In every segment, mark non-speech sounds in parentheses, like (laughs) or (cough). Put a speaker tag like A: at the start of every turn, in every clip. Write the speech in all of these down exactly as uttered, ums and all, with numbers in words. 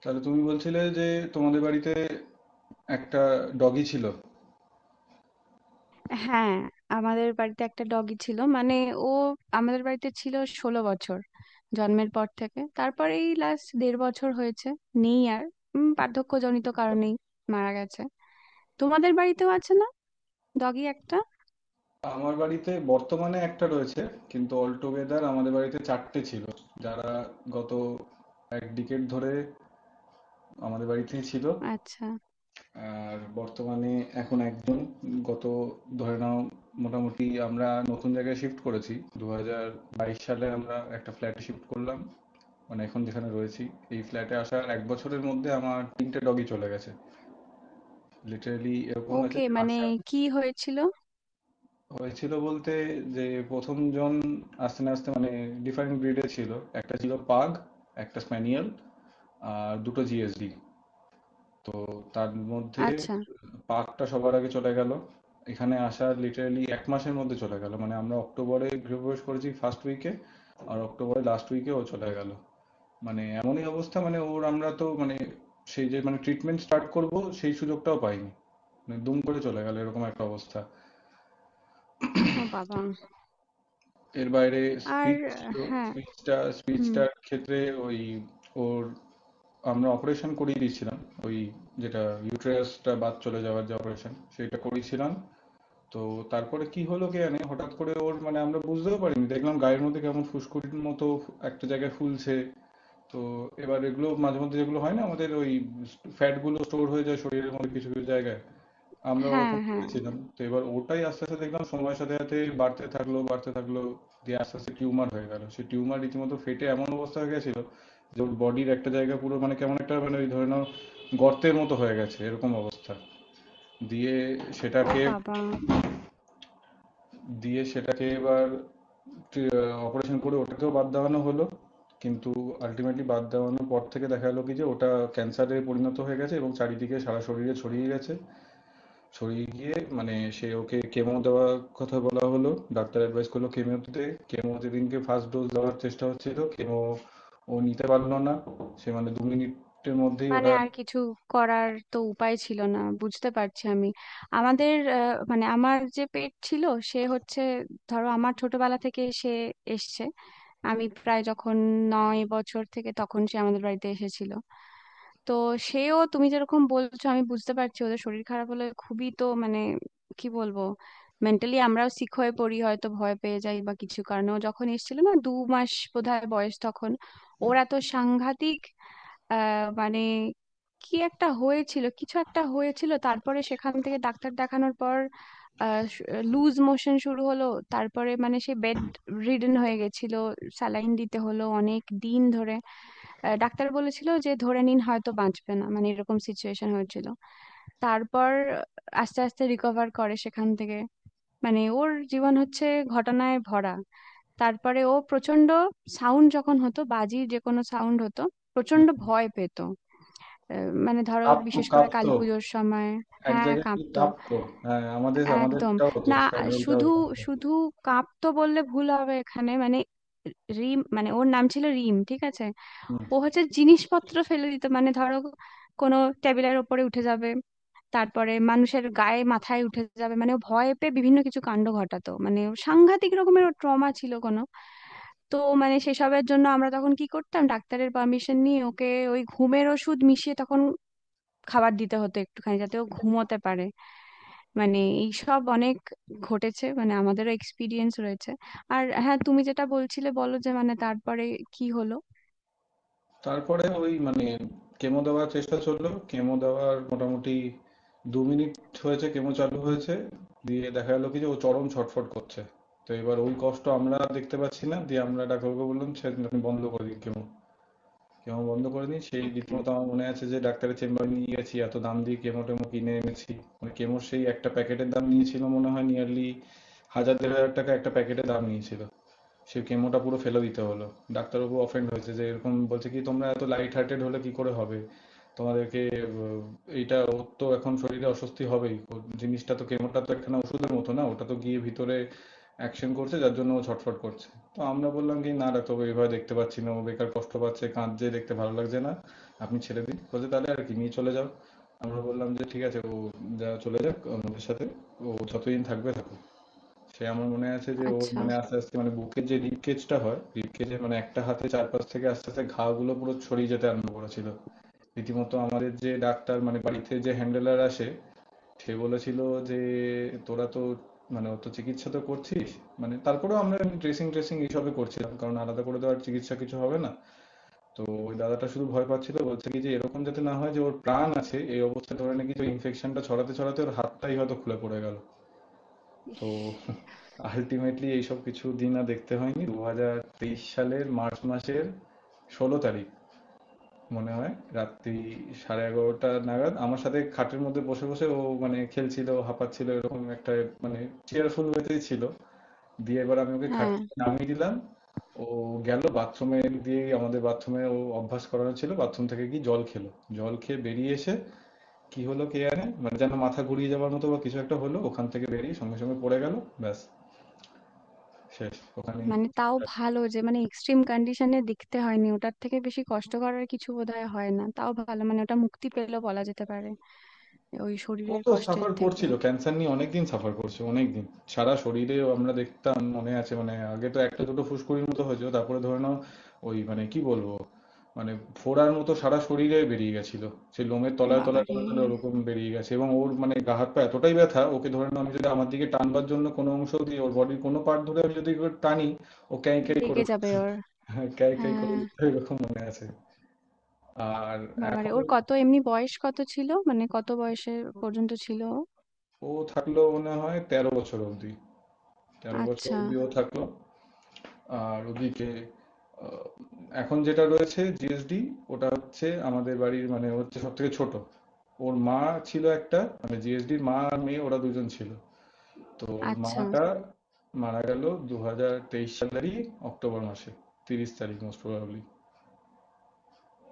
A: তাহলে তুমি বলছিলে যে তোমাদের বাড়িতে একটা ডগি ছিল।
B: হ্যাঁ, আমাদের বাড়িতে একটা ডগি ছিল। মানে, ও আমাদের বাড়িতে ছিল ষোলো বছর, জন্মের পর থেকে। তারপর এই লাস্ট দেড় বছর হয়েছে নেই আর। উম, বার্ধক্যজনিত কারণেই মারা গেছে। তোমাদের বাড়িতেও আছে না, ডগি একটা?
A: আমার বাড়িতে বর্তমানে একটা রয়েছে, কিন্তু অল টুগেদার আমাদের বাড়িতে চারটে ছিল, যারা গত এক ডিকেট ধরে আমাদের বাড়িতেই ছিল।
B: আচ্ছা।
A: আর বর্তমানে এখন একজন, গত, ধরে নাও মোটামুটি আমরা নতুন জায়গায় শিফট করেছি, দু হাজার বাইশ সালে আমরা একটা ফ্ল্যাটে শিফট করলাম, মানে এখন যেখানে রয়েছি। এই ফ্ল্যাটে আসার এক বছরের মধ্যে আমার তিনটে ডগি চলে গেছে, লিটারেলি এরকম হয়েছে।
B: ওকে, মানে
A: আসা
B: কি হয়েছিল?
A: হয়েছিল বলতে যে প্রথম জন আস্তে না আস্তে, মানে ডিফারেন্ট ব্রিডে ছিল, একটা ছিল পাগ, একটা স্প্যানিয়েল, আর দুটো জিএসডি। তো তার মধ্যে
B: আচ্ছা।
A: পাগটা সবার আগে চলে গেল, এখানে আসার লিটারালি এক মাসের মধ্যে চলে গেল। মানে আমরা অক্টোবরে গৃহপ্রবেশ করেছি ফার্স্ট উইকে, আর অক্টোবরে লাস্ট উইকে ও চলে গেল। মানে এমনই অবস্থা, মানে ওর আমরা তো মানে সেই যে মানে ট্রিটমেন্ট স্টার্ট করব, সেই সুযোগটাও পাইনি। মানে দুম করে চলে গেল, এরকম একটা অবস্থা।
B: ও বাবা।
A: এর বাইরে
B: আর
A: স্পিচ
B: আহ,
A: ছিল,
B: হ্যাঁ।
A: স্পিচটা
B: হুম।
A: স্পিচটার ক্ষেত্রে ওই ওর আমরা অপারেশন করিয়ে দিয়েছিলাম, ওই যেটা ইউটেরাসটা বাদ চলে যাওয়ার যে অপারেশন, সেটা করিয়েছিলাম। তো তারপরে কি হলো কে জানে, হঠাৎ করে ওর মানে আমরা বুঝতেও পারিনি, দেখলাম গায়ের মধ্যে কেমন ফুসকুড়ির মতো একটা জায়গায় ফুলছে। তো এবার এগুলো মাঝে মধ্যে যেগুলো হয় না, আমাদের ওই ফ্যাট গুলো স্টোর হয়ে যায় শরীরের মধ্যে কিছু কিছু জায়গায়, আমরা
B: হ্যাঁ,
A: ওরকম
B: হ্যাঁ।
A: ভেবেছিলাম। তো এবার ওটাই আস্তে আস্তে দেখলাম সময়ের সাথে সাথে বাড়তে থাকলো, বাড়তে থাকলো। দিয়ে আস্তে আস্তে টিউমার হয়ে গেল। সেই টিউমার রীতিমতো ফেটে এমন অবস্থা হয়ে গেছিল যে ওর বডির একটা জায়গা পুরো, মানে কেমন একটা মানে ওই ধরে নাও গর্তের মতো হয়ে গেছে, এরকম অবস্থা। দিয়ে
B: ও
A: সেটাকে
B: বাবা।
A: দিয়ে সেটাকে এবার অপারেশন করে ওটাকেও বাদ দেওয়ানো হলো। কিন্তু আল্টিমেটলি বাদ দেওয়ানোর পর থেকে দেখা গেল কি যে ওটা ক্যান্সারে পরিণত হয়ে গেছে এবং চারিদিকে সারা শরীরে ছড়িয়ে গেছে। সরিয়ে গিয়ে মানে সে ওকে কেমো দেওয়ার কথা বলা হলো, ডাক্তার অ্যাডভাইস করলো কেমো দিতে। কেমো যেদিনকে ফার্স্ট ডোজ দেওয়ার চেষ্টা হচ্ছিল, কেমো ও নিতে পারলো না। সে মানে দু মিনিটের মধ্যেই
B: মানে
A: ওটা,
B: আর কিছু করার তো উপায় ছিল না, বুঝতে পারছি আমি। আমাদের আহ, মানে আমার যে পেট ছিল, সে হচ্ছে, ধরো আমার ছোটবেলা থেকে সে এসছে। আমি প্রায় যখন নয় বছর, থেকে তখন সে আমাদের বাড়িতে এসেছিল। তো সেও তুমি যেরকম বলছো, আমি বুঝতে পারছি, ওদের শরীর খারাপ হলে খুবই তো, মানে কি বলবো, মেন্টালি আমরাও সিক হয়ে পড়ি, হয়তো ভয় পেয়ে যাই বা কিছু কারণে। ও যখন এসেছিল না, দু মাস বোধহয় বয়স তখন, ওরা তো সাংঘাতিক আহ মানে, কি একটা হয়েছিল, কিছু একটা হয়েছিল। তারপরে সেখান থেকে ডাক্তার দেখানোর পর লুজ মোশন শুরু হলো। তারপরে মানে সে বেড রিডেন হয়ে গেছিল, স্যালাইন দিতে হলো অনেক দিন ধরে। আহ, ডাক্তার বলেছিল যে ধরে নিন হয়তো বাঁচবে না, মানে এরকম সিচুয়েশন হয়েছিল। তারপর আস্তে আস্তে রিকভার করে সেখান থেকে। মানে ওর জীবন হচ্ছে ঘটনায় ভরা। তারপরে ও প্রচন্ড, সাউন্ড যখন হতো, বাজির যে কোনো সাউন্ড হতো, প্রচন্ড ভয় পেত। আহ, মানে ধরো
A: কাঁপতো
B: বিশেষ করে কালী
A: কাঁপতো
B: পুজোর সময়।
A: এক
B: হ্যাঁ,
A: জায়গায় কি
B: কাঁপতো।
A: কাঁপতো, হ্যাঁ আমাদের
B: একদম
A: আমাদেরটাও তো
B: না,
A: স্প্যানিয়েলটাও
B: শুধু
A: আমাদের।
B: শুধু কাঁপতো বললে ভুল হবে এখানে। মানে রিম, মানে ওর নাম ছিল রিম, ঠিক আছে? ও হচ্ছে জিনিসপত্র ফেলে দিত। মানে ধরো কোনো টেবিলের ওপরে উঠে যাবে, তারপরে মানুষের গায়ে মাথায় উঠে যাবে। মানে ও ভয় পেয়ে বিভিন্ন কিছু কাণ্ড ঘটাতো। মানে ও সাংঘাতিক রকমের ট্রমা ছিল কোনো। তো মানে সেসবের জন্য আমরা তখন কি করতাম, ডাক্তারের পারমিশন নিয়ে ওকে ওই ঘুমের ওষুধ মিশিয়ে তখন খাবার দিতে হতো একটুখানি, যাতে ও ঘুমোতে পারে। মানে এইসব অনেক ঘটেছে, মানে আমাদেরও এক্সপিরিয়েন্স রয়েছে। আর হ্যাঁ, তুমি যেটা বলছিলে বলো, যে মানে তারপরে কি হলো।
A: তারপরে ওই মানে কেমো দেওয়ার চেষ্টা চললো, কেমো দেওয়ার মোটামুটি দু মিনিট হয়েছে কেমো চালু হয়েছে, দিয়ে দেখা গেলো কি যে ও চরম ছটফট করছে। তো এবার ওই কষ্ট আমরা দেখতে পাচ্ছি না, দিয়ে আমরা ডাক্তারবাবুকে বললাম সেদিন আপনি বন্ধ করে দিন কেমো, কেমো বন্ধ করে দিন। সেই
B: ওকে।
A: রীতিমতো আমার মনে আছে যে ডাক্তারের চেম্বারে নিয়ে গেছি, এত দাম দিয়ে কেমো টেমো কিনে এনেছি। মানে কেমোর সেই একটা প্যাকেটের দাম নিয়েছিল মনে হয় নিয়ারলি হাজার দেড় হাজার টাকা, একটা প্যাকেটের দাম নিয়েছিল। সে কেমোটা পুরো ফেলে দিতে হলো। ডাক্তারবাবু অফেন্ড হয়েছে, যে এরকম বলছে কি তোমরা এত লাইট হার্টেড হলে কি করে হবে তোমাদেরকে। আহ, এইটা ওর তো এখন শরীরে অস্বস্তি হবেই, ওর জিনিসটা তো, কেমোটা তো একখানা ওষুধের মতো না, ওটা তো গিয়ে ভিতরে অ্যাকশন করছে, যার জন্য ও ছটফট করছে। তো আমরা বললাম কি না ডাক্তারবাবু, এভাবে দেখতে পাচ্ছি না, ও বেকার কষ্ট পাচ্ছে, কাঁদছে, দেখতে ভালো লাগছে না, আপনি ছেড়ে দিন। বলছে তাহলে আর কি, নিয়ে চলে যাও। আমরা বললাম যে ঠিক আছে, ও যা চলে যাক আমাদের সাথে, ও যতদিন থাকবে থাকুক। সে আমার মনে আছে যে ওর
B: আচ্ছা।
A: মানে আস্তে আস্তে মানে বুকের যে রিব কেজটা হয় রিব কেজে, মানে একটা হাতে চারপাশ থেকে আস্তে আস্তে ঘা গুলো পুরো ছড়িয়ে যেতে আরম্ভ করেছিল। রীতিমতো আমাদের যে ডাক্তার মানে বাড়িতে যে হ্যান্ডেলার আসে, সে বলেছিল যে তোরা তো মানে অত চিকিৎসা তো করছিস, মানে তারপরেও আমরা ড্রেসিং ট্রেসিং এইসবে করছিলাম, কারণ আলাদা করে তো আর চিকিৎসা কিছু হবে না। তো ওই দাদাটা শুধু ভয় পাচ্ছিল, বলছে কি যে এরকম যাতে না হয় যে ওর প্রাণ আছে এই অবস্থায় ধরে, নাকি যে ইনফেকশনটা ছড়াতে ছড়াতে ওর হাতটাই হয়তো খুলে পড়ে গেল। তো
B: ইস।
A: আলটিমেটলি এইসব কিছু দিন আর দেখতে হয়নি, দু হাজার তেইশ সালের মার্চ মাসের ষোলো তারিখ মনে হয়, রাত্রি সাড়ে এগারোটা নাগাদ আমার সাথে খাটের মধ্যে বসে বসে ও মানে খেলছিল, হাঁপাচ্ছিল, এরকম একটা মানে চেয়ারফুল ওয়েতেই ছিল। দিয়ে এবার আমি ওকে খাট
B: হ্যাঁ।
A: থেকে নামিয়ে দিলাম, ও গেল বাথরুমে। দিয়ে আমাদের বাথরুমে ও অভ্যাস করানো ছিল, বাথরুম থেকে কি জল খেলো, জল খেয়ে বেরিয়ে এসে কি হলো কে জানে, মানে যেন মাথা ঘুরিয়ে যাওয়ার মতো বা কিছু একটা হলো, ওখান থেকে বেরিয়ে সঙ্গে সঙ্গে পড়ে গেল। ব্যাস, শেষ ওখানেই।
B: মানে তাও ভালো, যে মানে এক্সট্রিম কন্ডিশনে দেখতে হয়নি। ওটার থেকে বেশি কষ্টকর আর কিছু বোধহয় হয় না। তাও ভালো, মানে ওটা মুক্তি পেলো বলা যেতে পারে ওই
A: ও
B: শরীরের
A: তো
B: কষ্টের
A: সাফার
B: থেকে।
A: করছিল, ক্যান্সার নিয়ে অনেকদিন সাফার করছে অনেকদিন। সারা শরীরে আমরা দেখতাম মনে আছে, মানে আগে তো একটা দুটো ফুসকুড়ির মতো হয়েছিল, তারপরে ধরে নাও ওই মানে কি বলবো, মানে ফোড়ার মতো সারা শরীরে বেরিয়ে গেছিল। সেই লোমের তলায় তলায়
B: বাবারে।
A: তলায় তলায় ওরকম বেরিয়ে গেছে, এবং ওর মানে গা হাত পা এতটাই ব্যথা, ওকে ধরে নাও আমি যদি আমার দিকে টানবার জন্য কোনো অংশ দিয়ে ওর বডির কোনো পার্ট ধরে আমি যদি ওকে টানি, ও ক্যাঁই ক্যাঁই করে
B: লেগে যাবে ওর।
A: (laughs) ক্যাঁই ক্যাঁই করে
B: হ্যাঁ।
A: উঠতো, এরকম মনে আছে। আর
B: বাবারে,
A: এখন
B: ওর কত, এমনি বয়স কত ছিল, মানে কত বয়সে পর্যন্ত ছিল ও?
A: ও থাকলো মনে হয় তেরো বছর অবধি, তেরো বছর
B: আচ্ছা।
A: অবধি ও থাকলো। আর ওদিকে আহ, এখন যেটা রয়েছে জিএসডি, ওটা হচ্ছে আমাদের বাড়ির মানে হচ্ছে সব থেকে ছোট। ওর মা ছিল একটা, মানে জিএসডির মা আর মেয়ে, ওরা দুজন ছিল। তো ওর
B: আচ্ছা।
A: মাটা মারা গেল দু হাজার তেইশ সালেরই অক্টোবর মাসে তিরিশ তারিখ, মোস্ট প্রবাবলি।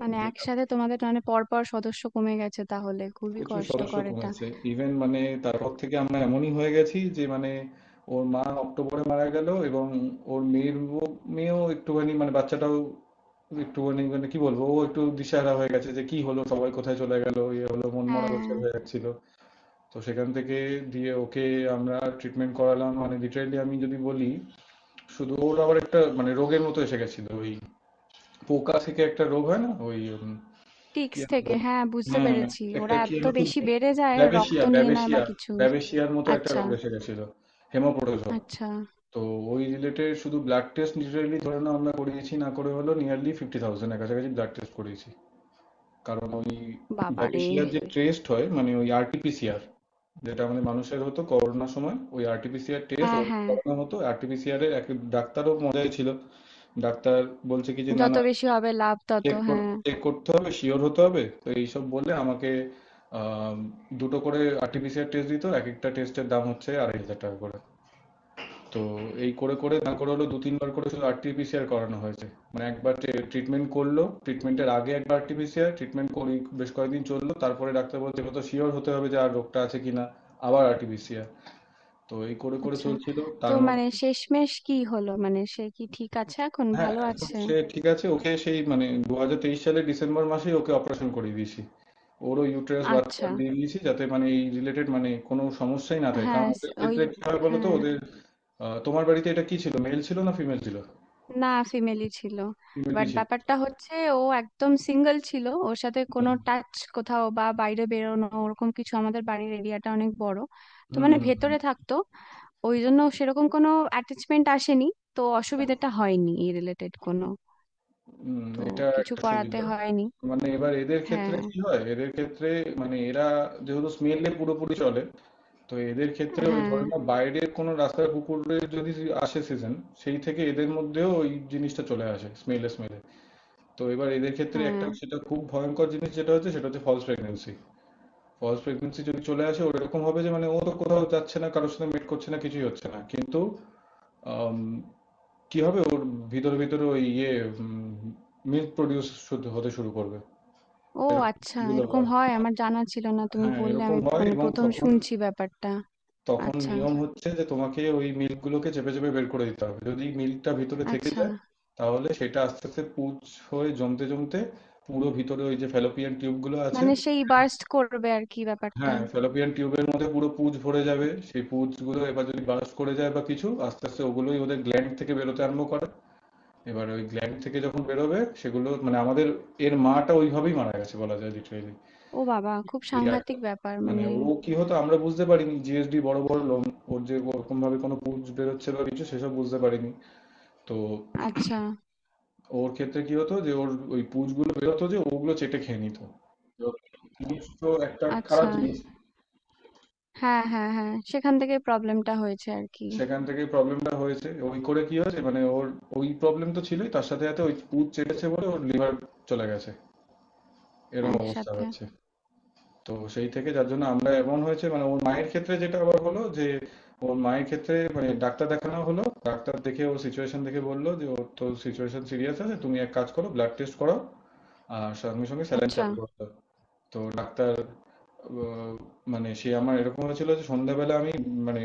B: মানে একসাথে তোমাদের মানে পরপর সদস্য কমে গেছে তাহলে, খুবই
A: প্রচুর সদস্য
B: কষ্টকর এটা।
A: কমেছে, ইভেন মানে তারপর থেকে আমরা এমনই হয়ে গেছি যে মানে, ওর মা অক্টোবরে মারা গেল, এবং ওর মেয়ের ও- মেয়েও একটুখানি, মানে বাচ্চাটাও একটুখানি মানে কি বলবো, ও একটু দিশাহারা হয়ে গেছে যে কি হলো, সবাই কোথায় চলে গেল, ইয়ে হলো মনমরা
B: হ্যাঁ,
A: ব্যাপার হয়ে যাচ্ছিল। তো সেখান থেকে দিয়ে ওকে আমরা ট্রিটমেন্ট করালাম, মানে লিটারেলি আমি যদি বলি। শুধু ওর আবার একটা মানে রোগের মতো এসে গেছিল, ওই পোকা থেকে একটা রোগ হয় না, ওই উম, কি
B: টিক্স
A: যেন
B: থেকে,
A: বলে,
B: হ্যাঁ বুঝতে
A: হ্যাঁ
B: পেরেছি।
A: একটা
B: ওরা
A: কি
B: এত
A: যেন খুব,
B: বেশি বেড়ে যায়,
A: ব্যাবেশিয়া
B: রক্ত নিয়ে নেয়
A: ব্যাবেশিয়া
B: বা কিছু।
A: ব্যাবেশিয়ার মতো একটা
B: আচ্ছা।
A: রোগ এসে গেছিল। হেমোপ্রোটোজোয়া।
B: আচ্ছা।
A: তো ওই রিলেটেড শুধু ব্লাড টেস্ট লিটারেলি ধরে নাও আমরা করিয়েছি না করে হলো নিয়ারলি ফিফটি থাউজেন্ডের কাছাকাছি ব্লাড টেস্ট করিয়েছি। কারণ ওই
B: বাবারে।
A: ব্যাবেশিয়ার যে টেস্ট হয় মানে ওই আরটিপিসিআর, যেটা আমাদের মানুষের হতো করোনার সময় ওই আরটিপিসিআর টেস্ট,
B: হ্যাঁ,
A: ওদের
B: হ্যাঁ,
A: করানো হতো আরটিপিসিআর এর এক। ডাক্তারও মজাই ছিল, ডাক্তার বলছে কি যে না
B: যত
A: না
B: বেশি হবে লাভ তত,
A: চেক
B: হ্যাঁ।
A: চেক করতে হবে, শিওর হতে হবে, তো এইসব বলে আমাকে আম, দুটো করে আরটিপিসিআর টেস্ট দিত, এক একটা টেস্টের দাম হচ্ছে আড়াই হাজার টাকা করে। তো এই করে করে না করে হলো দু তিনবার করে শুধু আরটিপিসিআর করানো হয়েছে। মানে একবার ট্রিটমেন্ট করলো, ট্রিটমেন্টের আগে একবার আরটিপিসিআর, ট্রিটমেন্ট করি বেশ কয়েকদিন চললো, তারপরে ডাক্তার বলছে এবার তো শিওর হতে হবে যে আর রোগটা আছে কিনা, আবার আরটিপিসিআর, তো এই করে করে
B: আচ্ছা।
A: চলছিল।
B: তো
A: তার মধ্যে,
B: মানে শেষমেশ কি হলো, মানে সে কি ঠিক আছে এখন,
A: হ্যাঁ
B: ভালো
A: এখন
B: আছে?
A: সে ঠিক আছে, ওকে সেই মানে দু হাজার তেইশ সালের ডিসেম্বর মাসেই ওকে অপারেশন করিয়ে দিয়েছি, ওরও ইউটেরাস বাচ্চা
B: আচ্ছা।
A: দিয়ে দিয়েছি, যাতে মানে এই রিলেটেড মানে কোনো সমস্যাই না থাকে।
B: হ্যাঁ,
A: কারণ ওদের
B: স- ওই,
A: ক্ষেত্রে কি হয় বলো তো
B: হ্যাঁ।
A: ওদের, আহ, তোমার বাড়িতে এটা কি ছিল, মেল ছিল না ফিমেল ছিল?
B: না, ফিমেলি ছিল।
A: ফিমেলই
B: বাট
A: ছিল।
B: ব্যাপারটা হচ্ছে ও একদম সিঙ্গেল ছিল। ওর সাথে
A: হুম
B: কোনো টাচ কোথাও বা বাইরে বেরোনো ওরকম কিছু, আমাদের বাড়ির এরিয়াটা অনেক বড়, তো
A: হুম
B: মানে
A: হুম
B: ভেতরে থাকতো। ওই জন্য সেরকম কোনো অ্যাটাচমেন্ট আসেনি। তো অসুবিধাটা হয়নি এই রিলেটেড কোনো।
A: হুম,
B: তো
A: এটা
B: কিছু
A: একটা
B: করাতে
A: সুবিধা।
B: হয়নি।
A: মানে এবার এদের ক্ষেত্রে
B: হ্যাঁ,
A: কি হয়, এদের ক্ষেত্রে মানে এরা যেহেতু স্মেলে পুরোপুরি চলে, তো এদের ক্ষেত্রে ওই
B: হ্যাঁ,
A: ধরে না, বাইরের কোনো রাস্তার কুকুরের যদি আসে সিজন, সেই থেকে এদের মধ্যেও ওই জিনিসটা চলে আসে স্মেলে স্মেলে। তো এবার এদের ক্ষেত্রে
B: হ্যাঁ।
A: একটা, সেটা খুব ভয়ঙ্কর জিনিস, যেটা হচ্ছে সেটা হচ্ছে ফলস প্রেগন্যান্সি। ফলস প্রেগন্যান্সি যদি চলে আসে, ওরকম হবে যে মানে ও তো কোথাও যাচ্ছে না, কারোর সাথে মিট করছে না, কিছুই হচ্ছে না, কিন্তু আম, কি হবে ওর ভিতরে ভিতরে ওই ইয়ে মিল্ক প্রডিউস হতে শুরু করবে।
B: ও
A: এরকম
B: আচ্ছা,
A: গুলো
B: এরকম
A: হয়,
B: হয়? আমার জানা ছিল না, তুমি
A: হ্যাঁ
B: বললে
A: এরকম
B: আমি
A: হয়।
B: মানে
A: এবং
B: প্রথম
A: তখন
B: শুনছি ব্যাপারটা।
A: তখন
B: আচ্ছা।
A: নিয়ম হচ্ছে যে তোমাকে ওই মিল্ক গুলোকে চেপে চেপে বের করে দিতে হবে। যদি মিল্কটা ভিতরে থেকে
B: আচ্ছা।
A: যায়, তাহলে সেটা আস্তে আস্তে পুঁজ হয়ে জমতে জমতে পুরো ভিতরে ওই যে ফ্যালোপিয়ান টিউব গুলো আছে,
B: মানে সেই বার্স্ট করবে আর কি, ব্যাপারটা?
A: হ্যাঁ, ফ্যালোপিয়ান টিউবের মধ্যে পুরো পুঁজ ভরে যাবে। সেই পুঁজগুলো এবার যদি বার্স্ট করে যায় বা কিছু, আস্তে আস্তে ওগুলোই ওদের গ্ল্যান্ড থেকে বেরোতে আরম্ভ করে। এবার ওই গ্ল্যান্ড থেকে যখন বেরোবে সেগুলো, মানে আমাদের এর মাটা ওইভাবেই মারা গেছে বলা যায় লিটারেলি।
B: ও বাবা, খুব
A: এই এখন
B: সাংঘাতিক ব্যাপার
A: মানে
B: মানে।
A: ও কি হতো আমরা বুঝতে পারিনি। জিএসডি বড় বড় লোম, ওর যে ওরকম ভাবে কোনো পুঁজ বেরোচ্ছে বা কিছু সেসব বুঝতে পারিনি। তো
B: আচ্ছা।
A: ওর ক্ষেত্রে কি হতো যে ওর ওই পুঁজগুলো বেরোতো যে ওগুলো চেটে খেয়ে নিত। তো জিনিস তো একটা খারাপ
B: আচ্ছা।
A: জিনিস।
B: হ্যাঁ, হ্যাঁ, হ্যাঁ, সেখান থেকে প্রবলেমটা হয়েছে আর কি।
A: সেখান থেকেই প্রবলেমটা হয়েছে, ওই করে কি হয়েছে মানে ওর ওই প্রবলেম তো ছিলই, তার সাথে সাথে ওই পুত চেপেছে বলে ওর লিভার চলে গেছে, এরকম অবস্থা
B: একসাথে।
A: হয়েছে। তো সেই থেকে যার জন্য আমরা, এমন হয়েছে মানে ওর মায়ের ক্ষেত্রে যেটা আবার হলো যে ওর মায়ের ক্ষেত্রে মানে ডাক্তার দেখানো হলো, ডাক্তার দেখে ওর সিচুয়েশন দেখে বললো যে ওর তো সিচুয়েশন সিরিয়াস আছে, তুমি এক কাজ করো, ব্লাড টেস্ট করো আর সঙ্গে সঙ্গে স্যালাইন
B: আচ্ছা।
A: চালু করো। তো ডাক্তার আহ, মানে সে আমার এরকম হয়েছিল যে সন্ধ্যাবেলা আমি মানে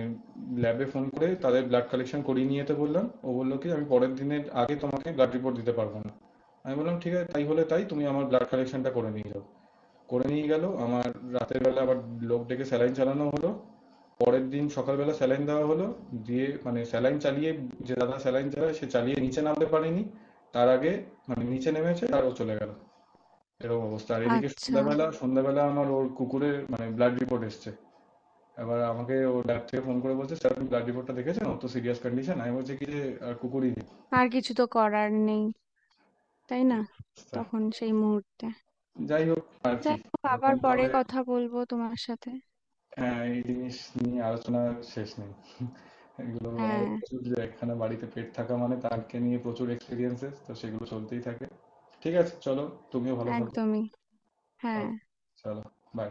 A: ল্যাবে ফোন করে তাদের ব্লাড কালেকশন করিয়ে নিয়ে যেতে বললাম, ও বললো কি আমি পরের দিনের আগে তোমাকে ব্লাড রিপোর্ট দিতে পারবো না। আমি বললাম ঠিক আছে তাই হলে তাই, তুমি আমার ব্লাড কালেকশনটা করে নিয়ে যাও। করে নিয়ে গেল আমার, রাতের বেলা আবার লোক ডেকে স্যালাইন চালানো হলো, পরের দিন সকালবেলা স্যালাইন দেওয়া হলো। দিয়ে মানে স্যালাইন চালিয়ে, যে দাদা স্যালাইন চালায় সে চালিয়ে নিচে নামতে পারেনি, তার আগে মানে নিচে নেমেছে আর ও চলে গেল, এরকম অবস্থা। আর এদিকে
B: আচ্ছা।
A: সন্ধ্যাবেলা সন্ধ্যাবেলা আমার ওর কুকুরের মানে ব্লাড রিপোর্ট এসছে। এবার আমাকে ও ল্যাব থেকে ফোন করে বলছে স্যার আপনি ব্লাড রিপোর্টটা দেখেছেন, অত সিরিয়াস কন্ডিশন। আমি বলছি কি যে আর কুকুরই নেই,
B: আর কিছু তো করার নেই, তাই
A: এই
B: না?
A: অবস্থা।
B: তখন সেই মুহূর্তে।
A: যাই হোক, আর কি,
B: যাই হোক, আবার
A: এরকম
B: পরে
A: ভাবে।
B: কথা বলবো তোমার সাথে।
A: হ্যাঁ এই জিনিস নিয়ে আলোচনা শেষ নেই, এগুলো আমাদের
B: হ্যাঁ,
A: প্রচুর, যে একখানা বাড়িতে পেট থাকা মানে তাকে নিয়ে প্রচুর এক্সপিরিয়েন্সেস, তো সেগুলো চলতেই থাকে। ঠিক আছে চলো, তুমিও ভালো থাকো।
B: একদমই, হ্যাঁ।
A: Okay, চলো, বাই।